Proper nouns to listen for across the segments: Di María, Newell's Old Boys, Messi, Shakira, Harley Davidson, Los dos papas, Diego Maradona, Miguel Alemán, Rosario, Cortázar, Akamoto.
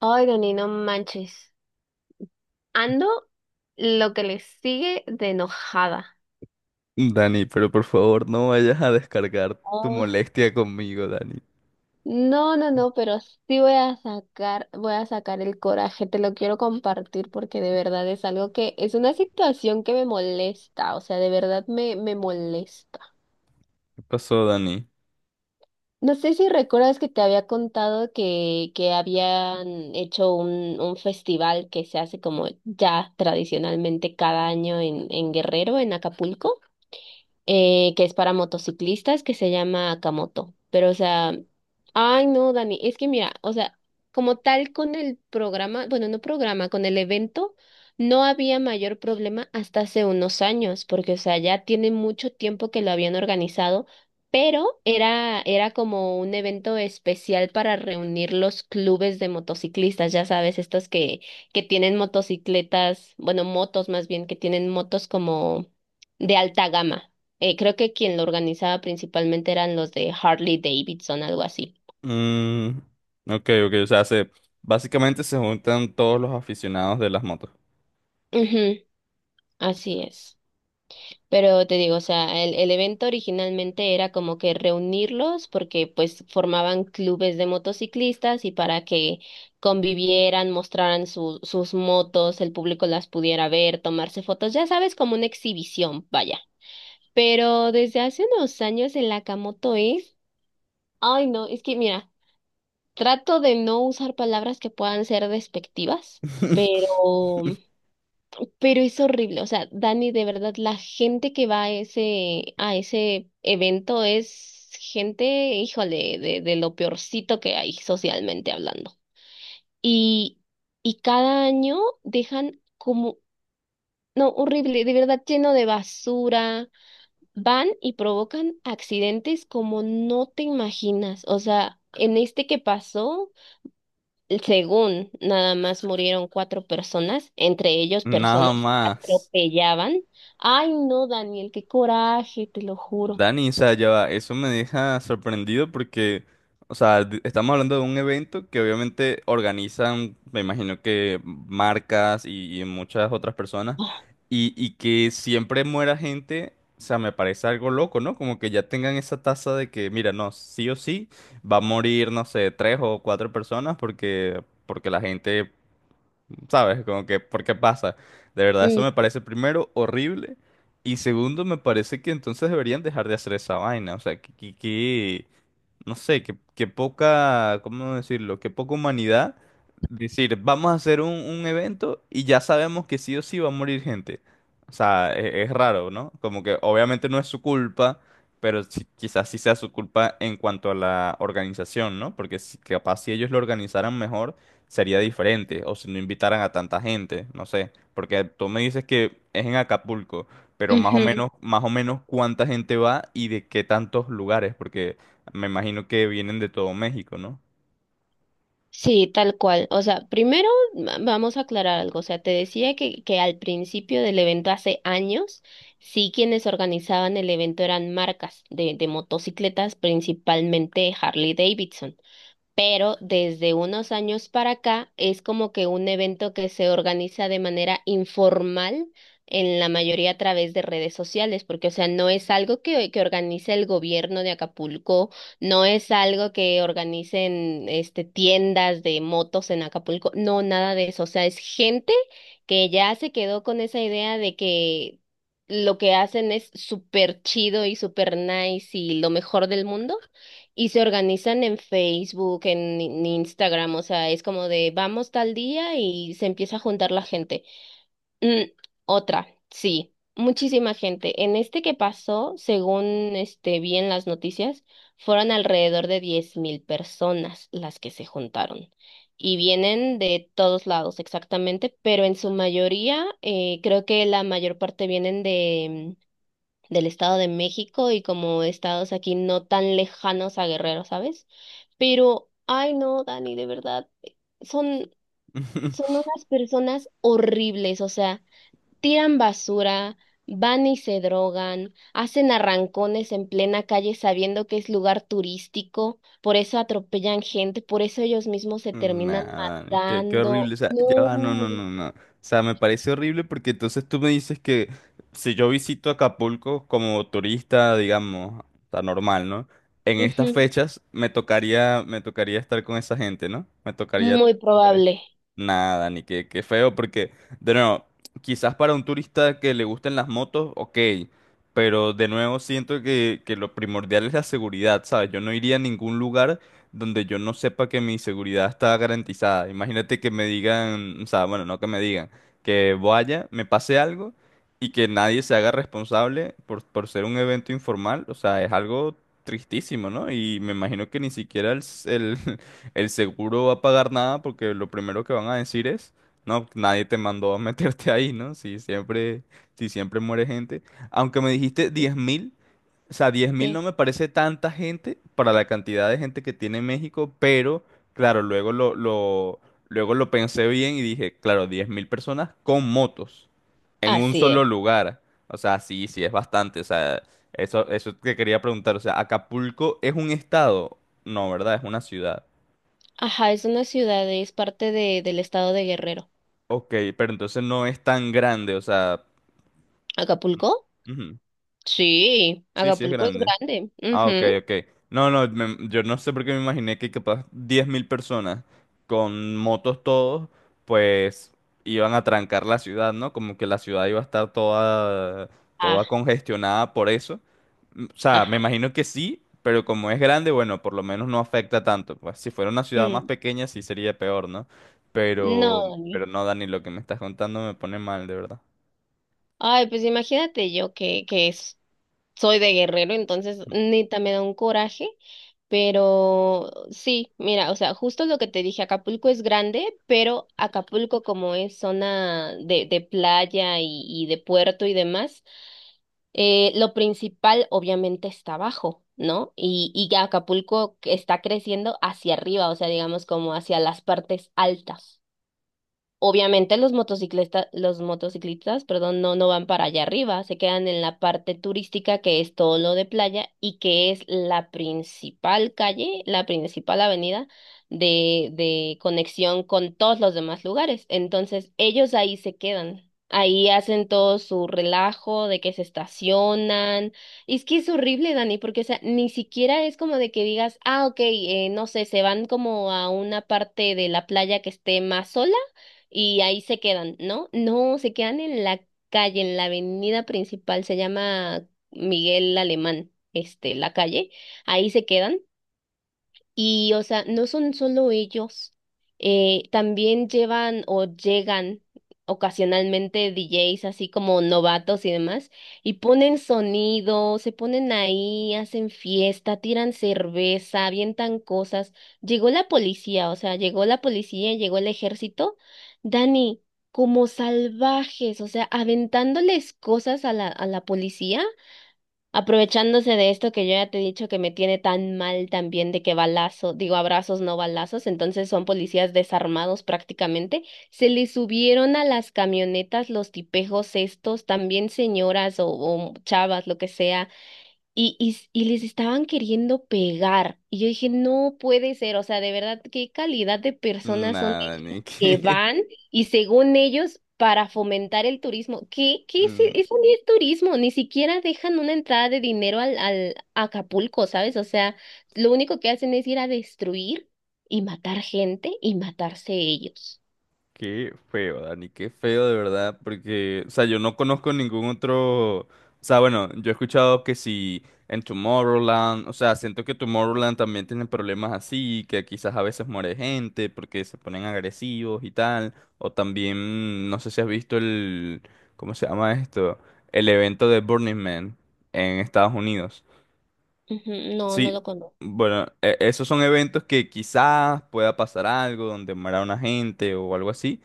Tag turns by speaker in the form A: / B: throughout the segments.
A: Ay, Dani, no manches. Ando lo que le sigue de enojada.
B: Dani, pero por favor no vayas a descargar tu
A: Oh,
B: molestia conmigo, Dani.
A: no, no, no, pero sí voy a sacar el coraje, te lo quiero compartir porque de verdad es algo que es una situación que me molesta, o sea, de verdad me molesta.
B: ¿Qué pasó, Dani?
A: No sé si recuerdas que te había contado que habían hecho un festival que se hace como ya tradicionalmente cada año en Guerrero, en Acapulco. Que es para motociclistas, que se llama Akamoto. Pero, o sea, ay, no, Dani, es que mira, o sea, como tal con el programa, bueno, no programa, con el evento, no había mayor problema hasta hace unos años, porque, o sea, ya tiene mucho tiempo que lo habían organizado. Pero era como un evento especial para reunir los clubes de motociclistas, ya sabes, estos que tienen motocicletas, bueno, motos más bien, que tienen motos como de alta gama. Creo que quien lo organizaba principalmente eran los de Harley Davidson, algo así.
B: Mm, ok, ok, o sea, básicamente se juntan todos los aficionados de las motos.
A: Ujú, así es. Pero te digo, o sea, el evento originalmente era como que reunirlos porque pues formaban clubes de motociclistas y para que convivieran, mostraran sus motos, el público las pudiera ver, tomarse fotos, ya sabes, como una exhibición, vaya. Pero desde hace unos años el Akamoto es... Ay, no, es que mira. Trato de no usar palabras que puedan ser despectivas, pero, pero es horrible. O sea, Dani, de verdad, la gente que va a ese evento es gente, híjole, de lo peorcito que hay socialmente hablando. Y, y cada año dejan como, no, horrible, de verdad, lleno de basura. Van y provocan accidentes como no te imaginas. O sea, en este que pasó. Según nada más murieron cuatro personas, entre ellos
B: Nada
A: personas que
B: más.
A: atropellaban. Ay, no, Daniel, qué coraje, te lo juro.
B: Dani, o sea, ya va, eso me deja sorprendido porque, o sea, estamos hablando de un evento que obviamente organizan, me imagino que marcas y muchas otras personas, y que siempre muera gente, o sea, me parece algo loco, ¿no? Como que ya tengan esa tasa de que, mira, no, sí o sí, va a morir, no sé, tres o cuatro personas porque la gente. ¿Sabes? Como que, ¿por qué pasa? De verdad, eso
A: Mm,
B: me parece primero horrible y segundo, me parece que entonces deberían dejar de hacer esa vaina. O sea, no sé, que poca, ¿cómo decirlo? Que poca humanidad. Decir, vamos a hacer un evento y ya sabemos que sí o sí va a morir gente. O sea, es, raro, ¿no? Como que obviamente no es su culpa, pero quizás sí sea su culpa en cuanto a la organización, ¿no? Porque capaz si ellos lo organizaran mejor sería diferente, o si no invitaran a tanta gente, no sé. Porque tú me dices que es en Acapulco, pero más o
A: ujú.
B: menos, más o menos cuánta gente va y de qué tantos lugares, porque... Me imagino que vienen de todo México, ¿no?
A: Sí, tal cual. O sea, primero vamos a aclarar algo. O sea, te decía que al principio del evento hace años, sí quienes organizaban el evento eran marcas de motocicletas, principalmente Harley Davidson. Pero desde unos años para acá es como que un evento que se organiza de manera informal en la mayoría a través de redes sociales, porque o sea, no es algo que organice el gobierno de Acapulco, no es algo que organicen este tiendas de motos en Acapulco, no, nada de eso, o sea, es gente que ya se quedó con esa idea de que lo que hacen es súper chido y súper nice y lo mejor del mundo y se organizan en Facebook, en Instagram, o sea, es como de vamos tal día y se empieza a juntar la gente. Mm, otra, sí, muchísima gente. En este que pasó, según vi en las noticias, fueron alrededor de 10.000 personas las que se juntaron. Y vienen de todos lados exactamente, pero en su mayoría, creo que la mayor parte vienen del Estado de México y como estados aquí no tan lejanos a Guerrero, ¿sabes? Pero, ay no, Dani, de verdad, son, son unas personas horribles, o sea, tiran basura, van y se drogan, hacen arrancones en plena calle sabiendo que es lugar turístico, por eso atropellan gente, por eso ellos mismos se terminan
B: Nada, qué horrible.
A: matando.
B: O sea, ya va, no,
A: No.
B: no, no, no. O sea, me parece horrible porque entonces tú me dices que si yo visito Acapulco como turista, digamos, está normal, ¿no? En estas
A: Ujú,
B: fechas me tocaría estar con esa gente, ¿no? Me tocaría
A: muy probable.
B: Nada, ni qué, qué feo, porque, de nuevo, quizás para un turista que le gusten las motos, ok, pero de nuevo siento que lo primordial es la seguridad, ¿sabes? Yo no iría a ningún lugar donde yo no sepa que mi seguridad está garantizada. Imagínate que me digan, o sea, bueno, no que me digan, que vaya, me pase algo y que nadie se haga responsable por ser un evento informal, o sea, es algo tristísimo, ¿no? Y me imagino que ni siquiera el seguro va a pagar nada porque lo primero que van a decir es, no, nadie te mandó a meterte ahí, ¿no? Si siempre muere gente. Aunque me dijiste 10,000, o sea, 10,000 no
A: Sí.
B: me parece tanta gente para la cantidad de gente que tiene México, pero claro, luego lo pensé bien y dije, claro, 10,000 personas con motos en un
A: Así
B: solo
A: es.
B: lugar. O sea, sí, sí, es bastante. O sea, eso que quería preguntar. O sea, ¿Acapulco es un estado? No, ¿verdad? Es una ciudad.
A: Ajá, es una ciudad, es parte del estado de Guerrero.
B: Ok, pero entonces no es tan grande, o sea...
A: ¿Acapulco?
B: ujú.
A: Sí,
B: Sí, sí es
A: Acapulco es
B: grande.
A: grande.
B: Ah, ok,
A: Ujú.
B: ok. No, no, yo no sé por qué me imaginé que capaz 10,000 personas con motos todos, pues iban a trancar la ciudad, ¿no? Como que la ciudad iba a estar toda, toda
A: Ah,
B: congestionada por eso. O sea, me
A: ajá.
B: imagino que sí, pero como es grande, bueno, por lo menos no afecta tanto. Pues si fuera una ciudad más
A: Mm,
B: pequeña sí sería peor, ¿no? Pero,
A: no,
B: pero,
A: Dani.
B: no, Dani, lo que me estás contando me pone mal, de verdad.
A: Ay, pues imagínate yo que es- soy de Guerrero, entonces neta me da un coraje. Pero sí, mira, o sea, justo lo que te dije, Acapulco es grande, pero Acapulco como es zona de playa y de puerto y demás, lo principal obviamente está abajo, ¿no? Y que Acapulco está creciendo hacia arriba, o sea, digamos como hacia las partes altas. Obviamente los motociclistas, perdón, no, no van para allá arriba, se quedan en la parte turística que es todo lo de playa y que es la principal calle, la principal avenida de conexión con todos los demás lugares. Entonces ellos ahí se quedan, ahí hacen todo su relajo de que se estacionan. Y es que es horrible, Dani, porque o sea, ni siquiera es como de que digas, ah, ok, no sé, se van como a una parte de la playa que esté más sola y ahí se quedan, ¿no? No, se quedan en la calle, en la avenida principal, se llama Miguel Alemán, este, la calle, ahí se quedan y, o sea, no son solo ellos, también llevan o llegan ocasionalmente DJs así como novatos y demás, y ponen sonido, se ponen ahí, hacen fiesta, tiran cerveza, avientan cosas. Llegó la policía, o sea, llegó la policía, llegó el ejército. Dani, como salvajes, o sea, aventándoles cosas a la policía. Aprovechándose de esto que yo ya te he dicho que me tiene tan mal también de que balazo, digo abrazos, no balazos, entonces son policías desarmados prácticamente, se les subieron a las camionetas los tipejos estos, también señoras o chavas, lo que sea, y, y les estaban queriendo pegar. Y yo dije, no puede ser, o sea, de verdad, qué calidad de personas son
B: Nada, Dani,
A: que van y según ellos, para fomentar el turismo, ¿qué, qué es
B: mm,
A: eso ni es turismo? Ni siquiera dejan una entrada de dinero al Acapulco, ¿sabes? O sea, lo único que hacen es ir a destruir y matar gente y matarse ellos.
B: qué feo, Dani, qué feo de verdad, porque, o sea, yo no conozco ningún otro, o sea, bueno, yo he escuchado que si en Tomorrowland, o sea, siento que Tomorrowland también tiene problemas así, que quizás a veces muere gente porque se ponen agresivos y tal, o también, no sé si has visto el, ¿cómo se llama esto? El evento de Burning Man en Estados Unidos.
A: Ujú, no, no
B: Sí,
A: lo conozco.
B: bueno, esos son eventos que quizás pueda pasar algo, donde muera una gente o algo así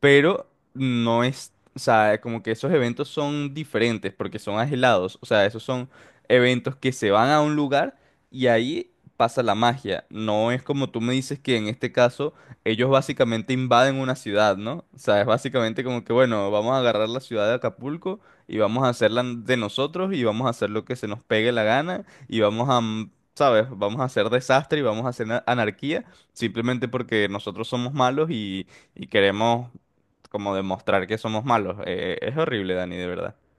B: pero no es, o sea, como que esos eventos son diferentes porque son aislados, o sea, esos son eventos que se van a un lugar y ahí pasa la magia, no es como tú me dices que en este caso ellos básicamente invaden una ciudad, ¿no? O sea, es básicamente como que, bueno, vamos a agarrar la ciudad de Acapulco y vamos a hacerla de nosotros y vamos a hacer lo que se nos pegue la gana y vamos a... ¿Sabes? Vamos a hacer desastre y vamos a hacer anarquía simplemente porque nosotros somos malos y queremos como demostrar que somos malos. Es horrible, Dani, de verdad.